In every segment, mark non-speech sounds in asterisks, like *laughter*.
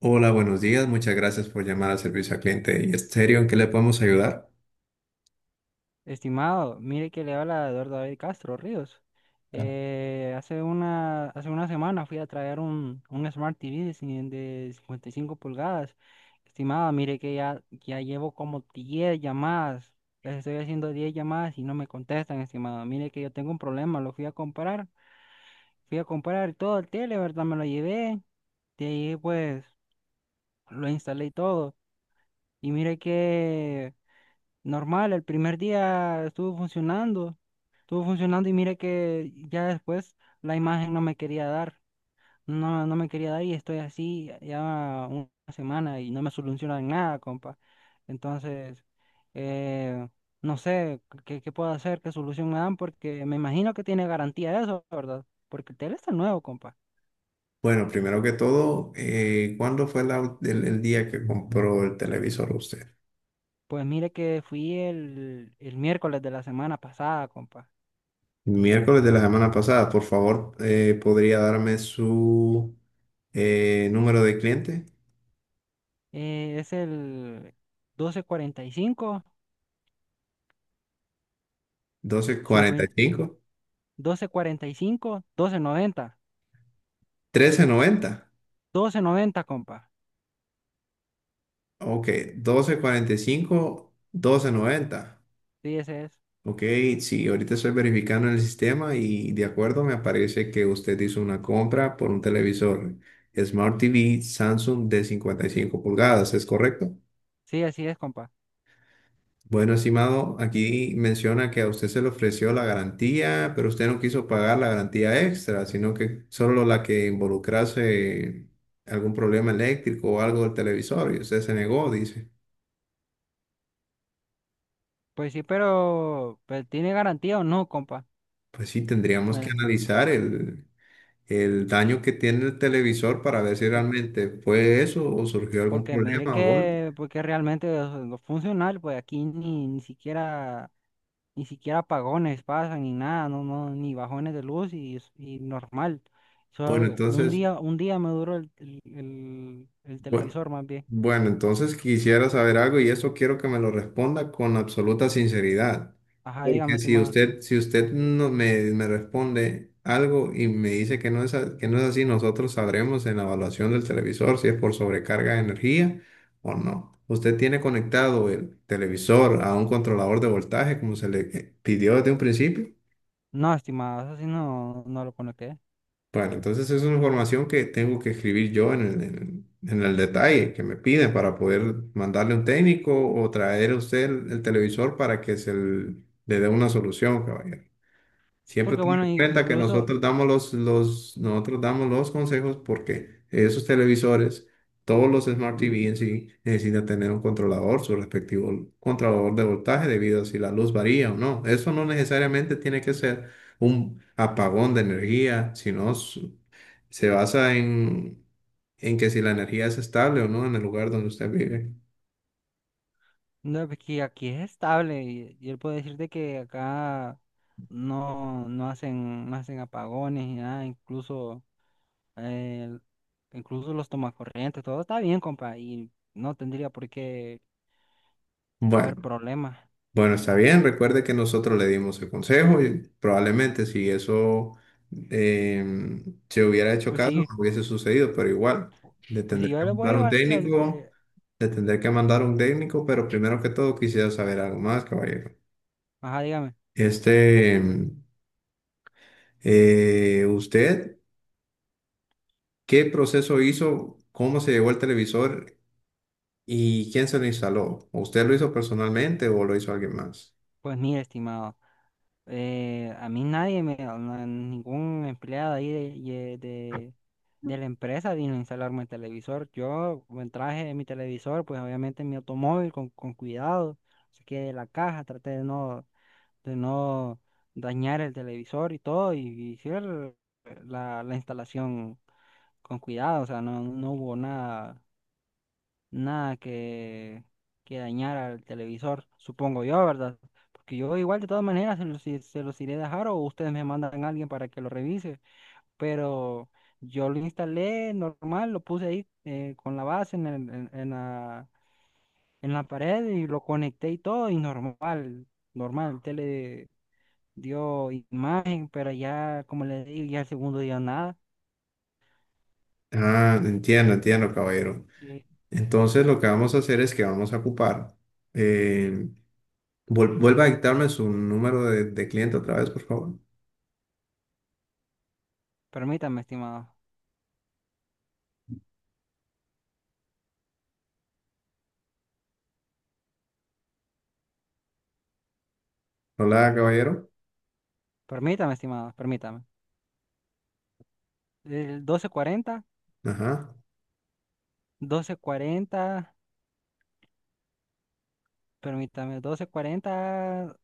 Hola, buenos días. Muchas gracias por llamar al servicio al cliente y Estéreo. ¿En qué le podemos ayudar? Estimado, mire que le habla Eduardo David Castro Ríos. Hace hace una semana fui a traer un Smart TV de 55 pulgadas. Estimado, mire que ya llevo como 10 llamadas. Les estoy haciendo 10 llamadas y no me contestan, estimado. Mire que yo tengo un problema, lo fui a comprar. Fui a comprar todo el tele, ¿verdad? Me lo llevé. De ahí pues lo instalé y todo. Y mire que normal, el primer día estuvo funcionando. Estuvo funcionando y mire que ya después la imagen no me quería dar, no, no me quería dar y estoy así ya una semana y no me solucionan nada, compa. Entonces, eh, no sé qué puedo hacer, qué solución me dan, porque me imagino que tiene garantía eso, ¿verdad? Porque el tele está nuevo, compa. Bueno, primero que todo, ¿cuándo fue el día que compró el televisor usted? Pues mire que fui el miércoles de la semana pasada, compa. Miércoles de la semana pasada. Por favor, ¿podría darme su número de cliente? Es el doce cuarenta cuarenta y cinco, cincuenta, doce cuarenta y cinco, doce noventa, 1245. 1390. doce noventa, compa. Ok, doce cuarenta y cinco, doce noventa. Sí, ese es. Ok, sí, ahorita estoy verificando en el sistema y de acuerdo me aparece que usted hizo una compra por un televisor Smart TV Samsung de 55 pulgadas, ¿es correcto? Sí, así es, compa. Bueno, estimado, aquí menciona que a usted se le ofreció la garantía, pero usted no quiso pagar la garantía extra, sino que solo la que involucrase algún problema eléctrico o algo del televisor y usted se negó, dice. Pues sí, pero, pues, ¿tiene garantía o no, compa? Pues sí, tendríamos que Me- analizar el daño que tiene el televisor para ver si pu- realmente fue eso o surgió algún Porque mire problema o golpe. que, porque realmente los funcionarios, pues aquí ni siquiera apagones pasan ni nada, no, no, ni bajones de luz y normal. Bueno, Solo entonces, un día me duró el bueno, televisor más bien. bueno, entonces quisiera saber algo y eso quiero que me lo responda con absoluta sinceridad. Ajá, dígame, Porque si estimada. usted, si usted no me responde algo y me dice que no es, que no es así, nosotros sabremos en la evaluación del televisor si es por sobrecarga de energía o no. Usted tiene conectado el televisor a un controlador de voltaje como se le pidió desde un principio. No, estimada, eso sí no, no lo conecté. Bueno, entonces es una información que tengo que escribir yo en el detalle que me piden para poder mandarle un técnico o traer a usted el televisor para que le dé una solución, caballero. Sí, Siempre porque ten bueno, en in- cuenta que incluso nosotros damos los consejos porque esos televisores, todos los Smart TV en sí, necesitan tener un controlador, su respectivo controlador de voltaje debido a si la luz varía o no. Eso no necesariamente tiene que ser un apagón de energía, sino se basa en que si la energía es estable o no en el lugar donde usted vive. No, porque aquí es estable y él puede decirte que acá no, no hacen, no hacen apagones ni nada, eh, incluso los tomacorrientes, todo está bien, compa, y no tendría por qué haber Bueno. problemas. Bueno, está bien, recuerde que nosotros le dimos el consejo y probablemente si eso se hubiera hecho Pues caso, sí, no hubiese sucedido, pero igual, le pues sí, tendré yo que le voy a mandar un llevar el... técnico, te- le tendré que mandar un técnico, pero primero que todo quisiera saber algo más, caballero. Ajá, dígame. Este, em, ¿Usted qué proceso hizo? ¿Cómo se llevó el televisor y quién se lo instaló? ¿Usted lo hizo personalmente o lo hizo alguien más? Pues mire, estimado. A mí nadie, me, no- ningún empleado ahí de la empresa vino a instalarme el televisor. Yo me traje mi televisor, pues obviamente en mi automóvil con cuidado, saqué de la caja, traté de no dañar el televisor y todo, y la, la instalación con cuidado, o sea, no, no hubo nada nada que, que dañar al televisor, supongo yo, ¿verdad? Porque yo igual de todas maneras se los iré a dejar o ustedes me mandan a alguien para que lo revise, pero yo lo instalé normal, lo puse ahí con la base en, el- en la pared y lo conecté y todo y normal, normal, el tele dio imagen, pero ya, como les digo, ya el segundo día nada. Ah, entiendo, entiendo, caballero. Sí. Entonces lo que vamos a hacer es que vamos a ocupar. eh, vuelva a dictarme su número de cliente otra vez, por favor. Permítame, estimado, Hola, caballero. permítame, estimado, permítame. El doce cuarenta, Ajá. doce cuarenta, permítame, doce cuarenta,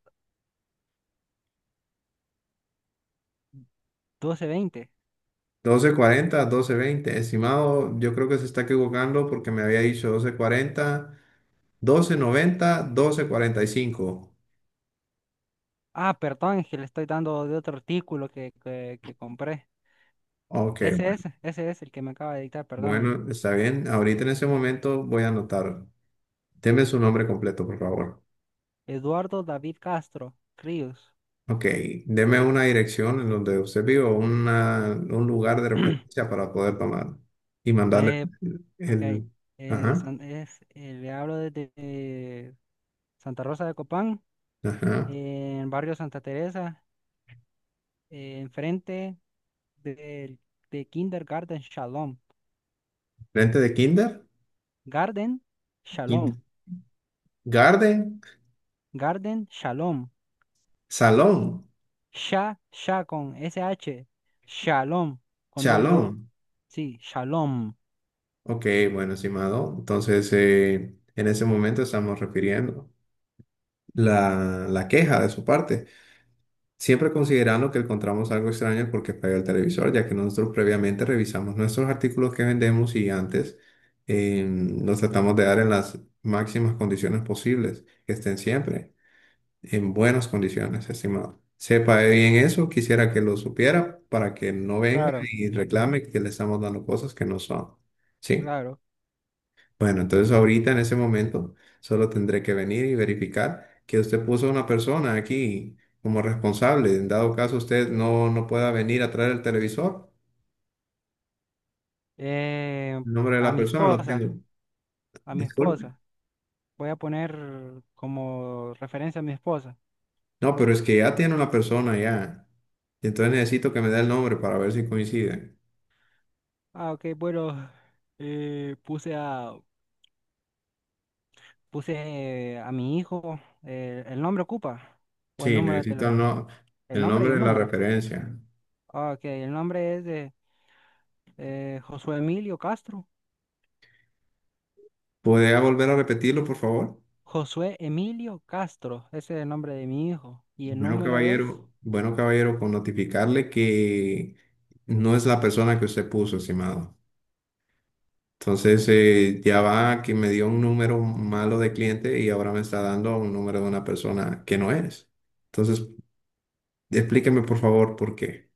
doce veinte. Doce cuarenta, doce veinte, estimado, yo creo que se está equivocando porque me había dicho doce doce doce cuarenta, noventa, doce cuarenta y cinco. Ah, perdón, es que le estoy dando de otro artículo que compré. Ok. Ese es el que me acaba de dictar, perdóname. Bueno, está bien. Ahorita en ese momento voy a anotar. Deme su nombre completo, por favor. Eduardo David Castro Ríos. Ok, deme una dirección en donde usted vive o un lugar de referencia para poder tomar y mandarle Eh, el, ok, el- ajá, le hablo desde Santa Rosa de Copán, ajá. en barrio Santa Teresa, enfrente del de Kindergarten Shalom. Frente de kinder, Garden kit- Shalom. garden, Garden Shalom. salón, Sha con S H, Shalom con doble O. chalón. Sí, Shalom. Ok, bueno, estimado. Entonces, en ese momento estamos refiriendo la queja de su parte. Siempre considerando que encontramos algo extraño porque falló el televisor, ya que nosotros previamente revisamos nuestros artículos que vendemos y antes eh, los tratamos de dar en las máximas condiciones posibles, que estén siempre en buenas condiciones, estimado. Sepa bien eso, quisiera que lo supiera para que no venga Claro, y reclame que le estamos dando cosas que no son. Sí. claro. Bueno, entonces ahorita en ese momento solo tendré que venir y verificar que usted puso a una persona aquí como responsable. En dado caso usted no pueda venir a traer el televisor, Eh, el nombre de a la mi persona lo tengo. esposa, a mi Disculpe. esposa. Voy a poner como referencia a mi esposa. No, pero es que ya tiene una persona ya. Y entonces necesito que me dé el nombre para ver si coincide. Ah, ok, bueno. eh, puse a, Puse a mi hijo. ¿El nombre ocupa? ¿O el Sí, número de necesito el, teléfono? no- El el nombre y nombre el de la número. referencia. Ah, ok, el nombre es de Josué Emilio Castro. ¿Podría volver a repetirlo, por favor? Josué Emilio Castro, ese es el nombre de mi hijo. Y el Bueno, número es, caballero, bueno, caballero, con notificarle que no es la persona que usted puso, estimado. Entonces, ya va que me dio un número malo de cliente y ahora me está dando un número de una persona que no es. Entonces, explíqueme por favor por qué.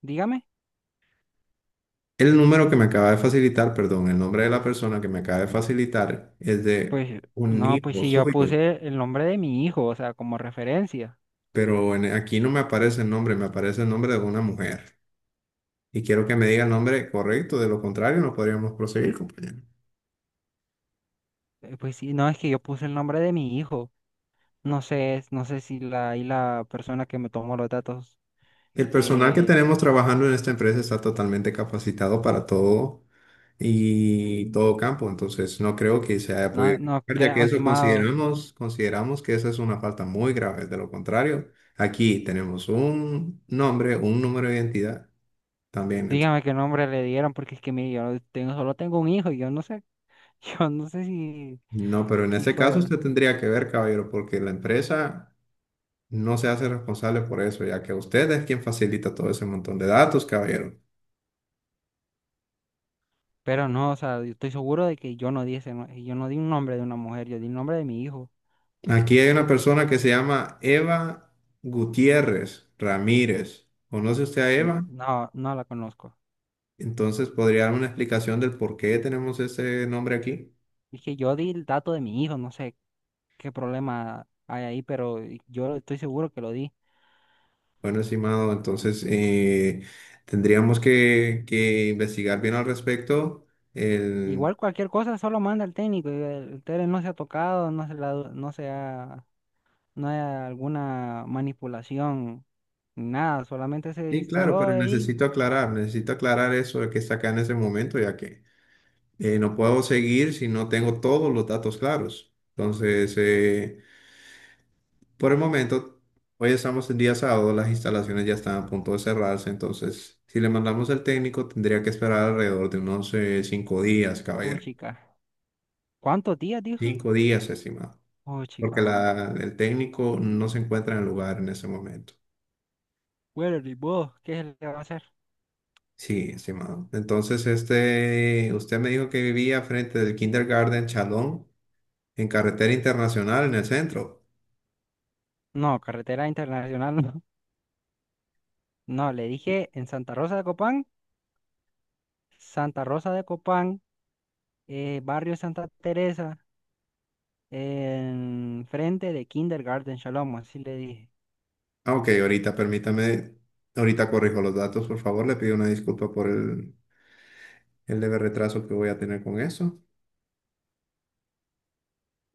dígame. El número que me acaba de facilitar, perdón, el nombre de la persona que me acaba de facilitar es de Pues un no, pues hijo si yo suyo, puse el nombre de mi hijo, o sea, como referencia. pero aquí no me aparece el nombre, me aparece el nombre de una mujer. Y quiero que me diga el nombre correcto, de lo contrario no podríamos proseguir, compañero. Pues sí, no, es que yo puse el nombre de mi hijo. No sé, no sé si la, y la persona que me tomó los datos. El personal que eh, tenemos trabajando en esta empresa está totalmente capacitado para todo y todo campo, entonces no creo que se haya podido no, no equivocar, ya que creo, eso estimado, consideramos, consideramos que esa es una falta muy grave. De lo contrario, aquí tenemos un nombre, un número de identidad también. Dígame qué nombre le dieron, porque es que mire, solo tengo un hijo y yo no sé, *laughs* yo no sé si, No, pero en si este caso fuera. usted tendría que ver, caballero, porque la empresa no se hace responsable por eso, ya que usted es quien facilita todo ese montón de datos, caballero. Pero no, o sea, yo estoy seguro de que yo no di ese, no- yo no di un nombre de una mujer, yo di el nombre de mi hijo. Aquí hay una persona que se llama Eva Gutiérrez Ramírez. ¿Conoce usted a Eva? No, no la conozco. Entonces, ¿podría dar una explicación del por qué tenemos ese nombre aquí? Es que yo di el dato de mi hijo, no sé qué problema hay ahí, pero yo estoy seguro que lo di. Bueno, estimado, entonces tendríamos que investigar bien al I- respecto. El... Igual cualquier cosa solo manda al técnico. El tele no se ha tocado, no se ha, no hay alguna manipulación ni nada, solamente se Sí, claro, instaló pero ahí. Necesito aclarar eso de que está acá en ese momento, ya que no puedo seguir si no tengo todos los datos claros. Entonces, por el momento, hoy estamos en día sábado, las instalaciones ya están a punto de cerrarse, entonces si le mandamos al técnico tendría que esperar alrededor de unos 5 días, Oh, caballero. chica. ¿Cuántos días dijo? 5 días, estimado, Oh, porque chica, mano. El técnico no se encuentra en el lugar en ese momento. Bueno, ni modo, ¿qué se le va a hacer? Sí, estimado. Entonces, usted me dijo que vivía frente del Kindergarten Chalón, en carretera internacional, en el centro. No, carretera internacional no. *laughs* No, le dije en Santa Rosa de Copán, Santa Rosa de Copán, barrio Santa Teresa, en frente de Kindergarten Shalom, así le dije. Ah, ok, ahorita permítame, ahorita corrijo los datos, por favor, le pido una disculpa por el leve retraso que voy a tener con eso.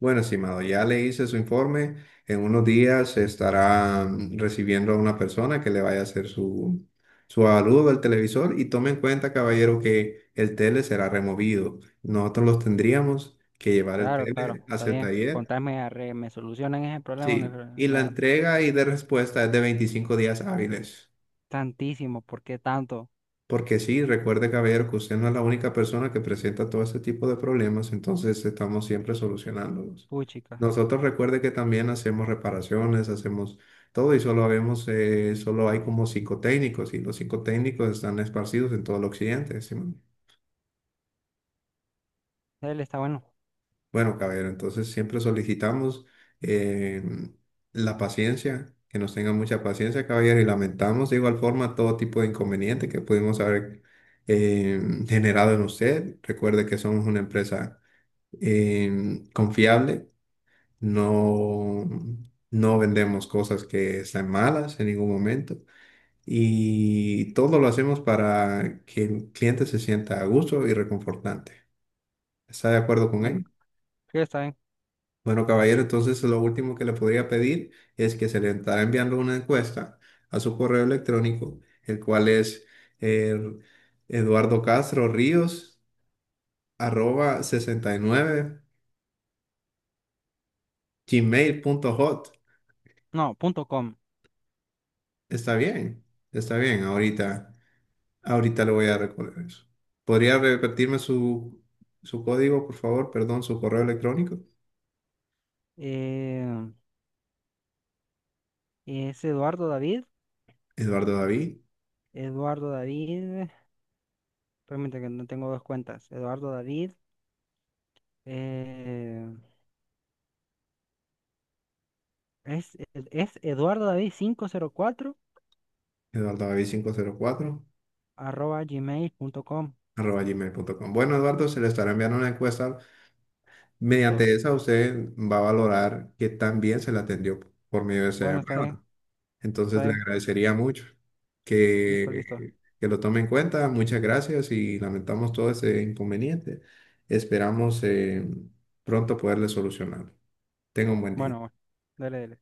Bueno, estimado, ya le hice su informe. En unos días estará recibiendo a una persona que le vaya a hacer su avalúo del televisor y tome en cuenta, caballero, que el tele será removido. Nosotros los tendríamos que llevar el Claro, claro, tele está hacia el bien. taller. Contame, arre, me solucionan ese problema. No, Sí, y la no, entrega y de respuesta es de 25 días hábiles. tantísimo, ¿por qué tanto? Porque sí, recuerde, caballero, que usted no es la única persona que presenta todo ese tipo de problemas, entonces estamos siempre solucionándolos. Uy, chica, Nosotros recuerde que también hacemos reparaciones, hacemos todo y solo hay como psicotécnicos y los psicotécnicos están esparcidos en todo el occidente. ¿Sí? él está bueno. Bueno, caballero, entonces siempre solicitamos eh, la paciencia, que nos tengan mucha paciencia, caballero, y lamentamos de igual forma todo tipo de inconveniente que pudimos haber eh, generado en usted. Recuerde que somos una empresa confiable, no, no vendemos cosas que están malas en ningún momento y todo lo hacemos para que el cliente se sienta a gusto y reconfortante. ¿Está de acuerdo con Bueno, él? sí, está bien. Bueno, caballero, entonces lo último que le podría pedir es que se le estará enviando una encuesta a su correo electrónico, el cual es eh, Eduardo Castro Ríos arroba 69 gmail punto hot. No, punto com. Está bien, está bien. Ahorita, ahorita le voy a recordar eso. ¿Podría repetirme su código, por favor? Perdón, su correo electrónico. Eh, es Eduardo David. Eduardo David, Eduardo David. Permítame que no tengo dos cuentas. Eduardo David. Eh, Es, es Eduardo David cuatro Eduardo David quinientos cuatro arroba gmail.com. arroba gmail punto com Bueno, Eduardo, se le estará enviando una encuesta. Listo. Mediante esa usted va a valorar que tan bien se la atendió por medio de esa Bueno, está bien, llamada. está Entonces le bien. agradecería mucho Listo, listo. que lo tome en cuenta. Muchas gracias y lamentamos todo ese inconveniente. Esperamos pronto poderle solucionar. Tenga un buen día. Bueno, bueno. Dale, dale.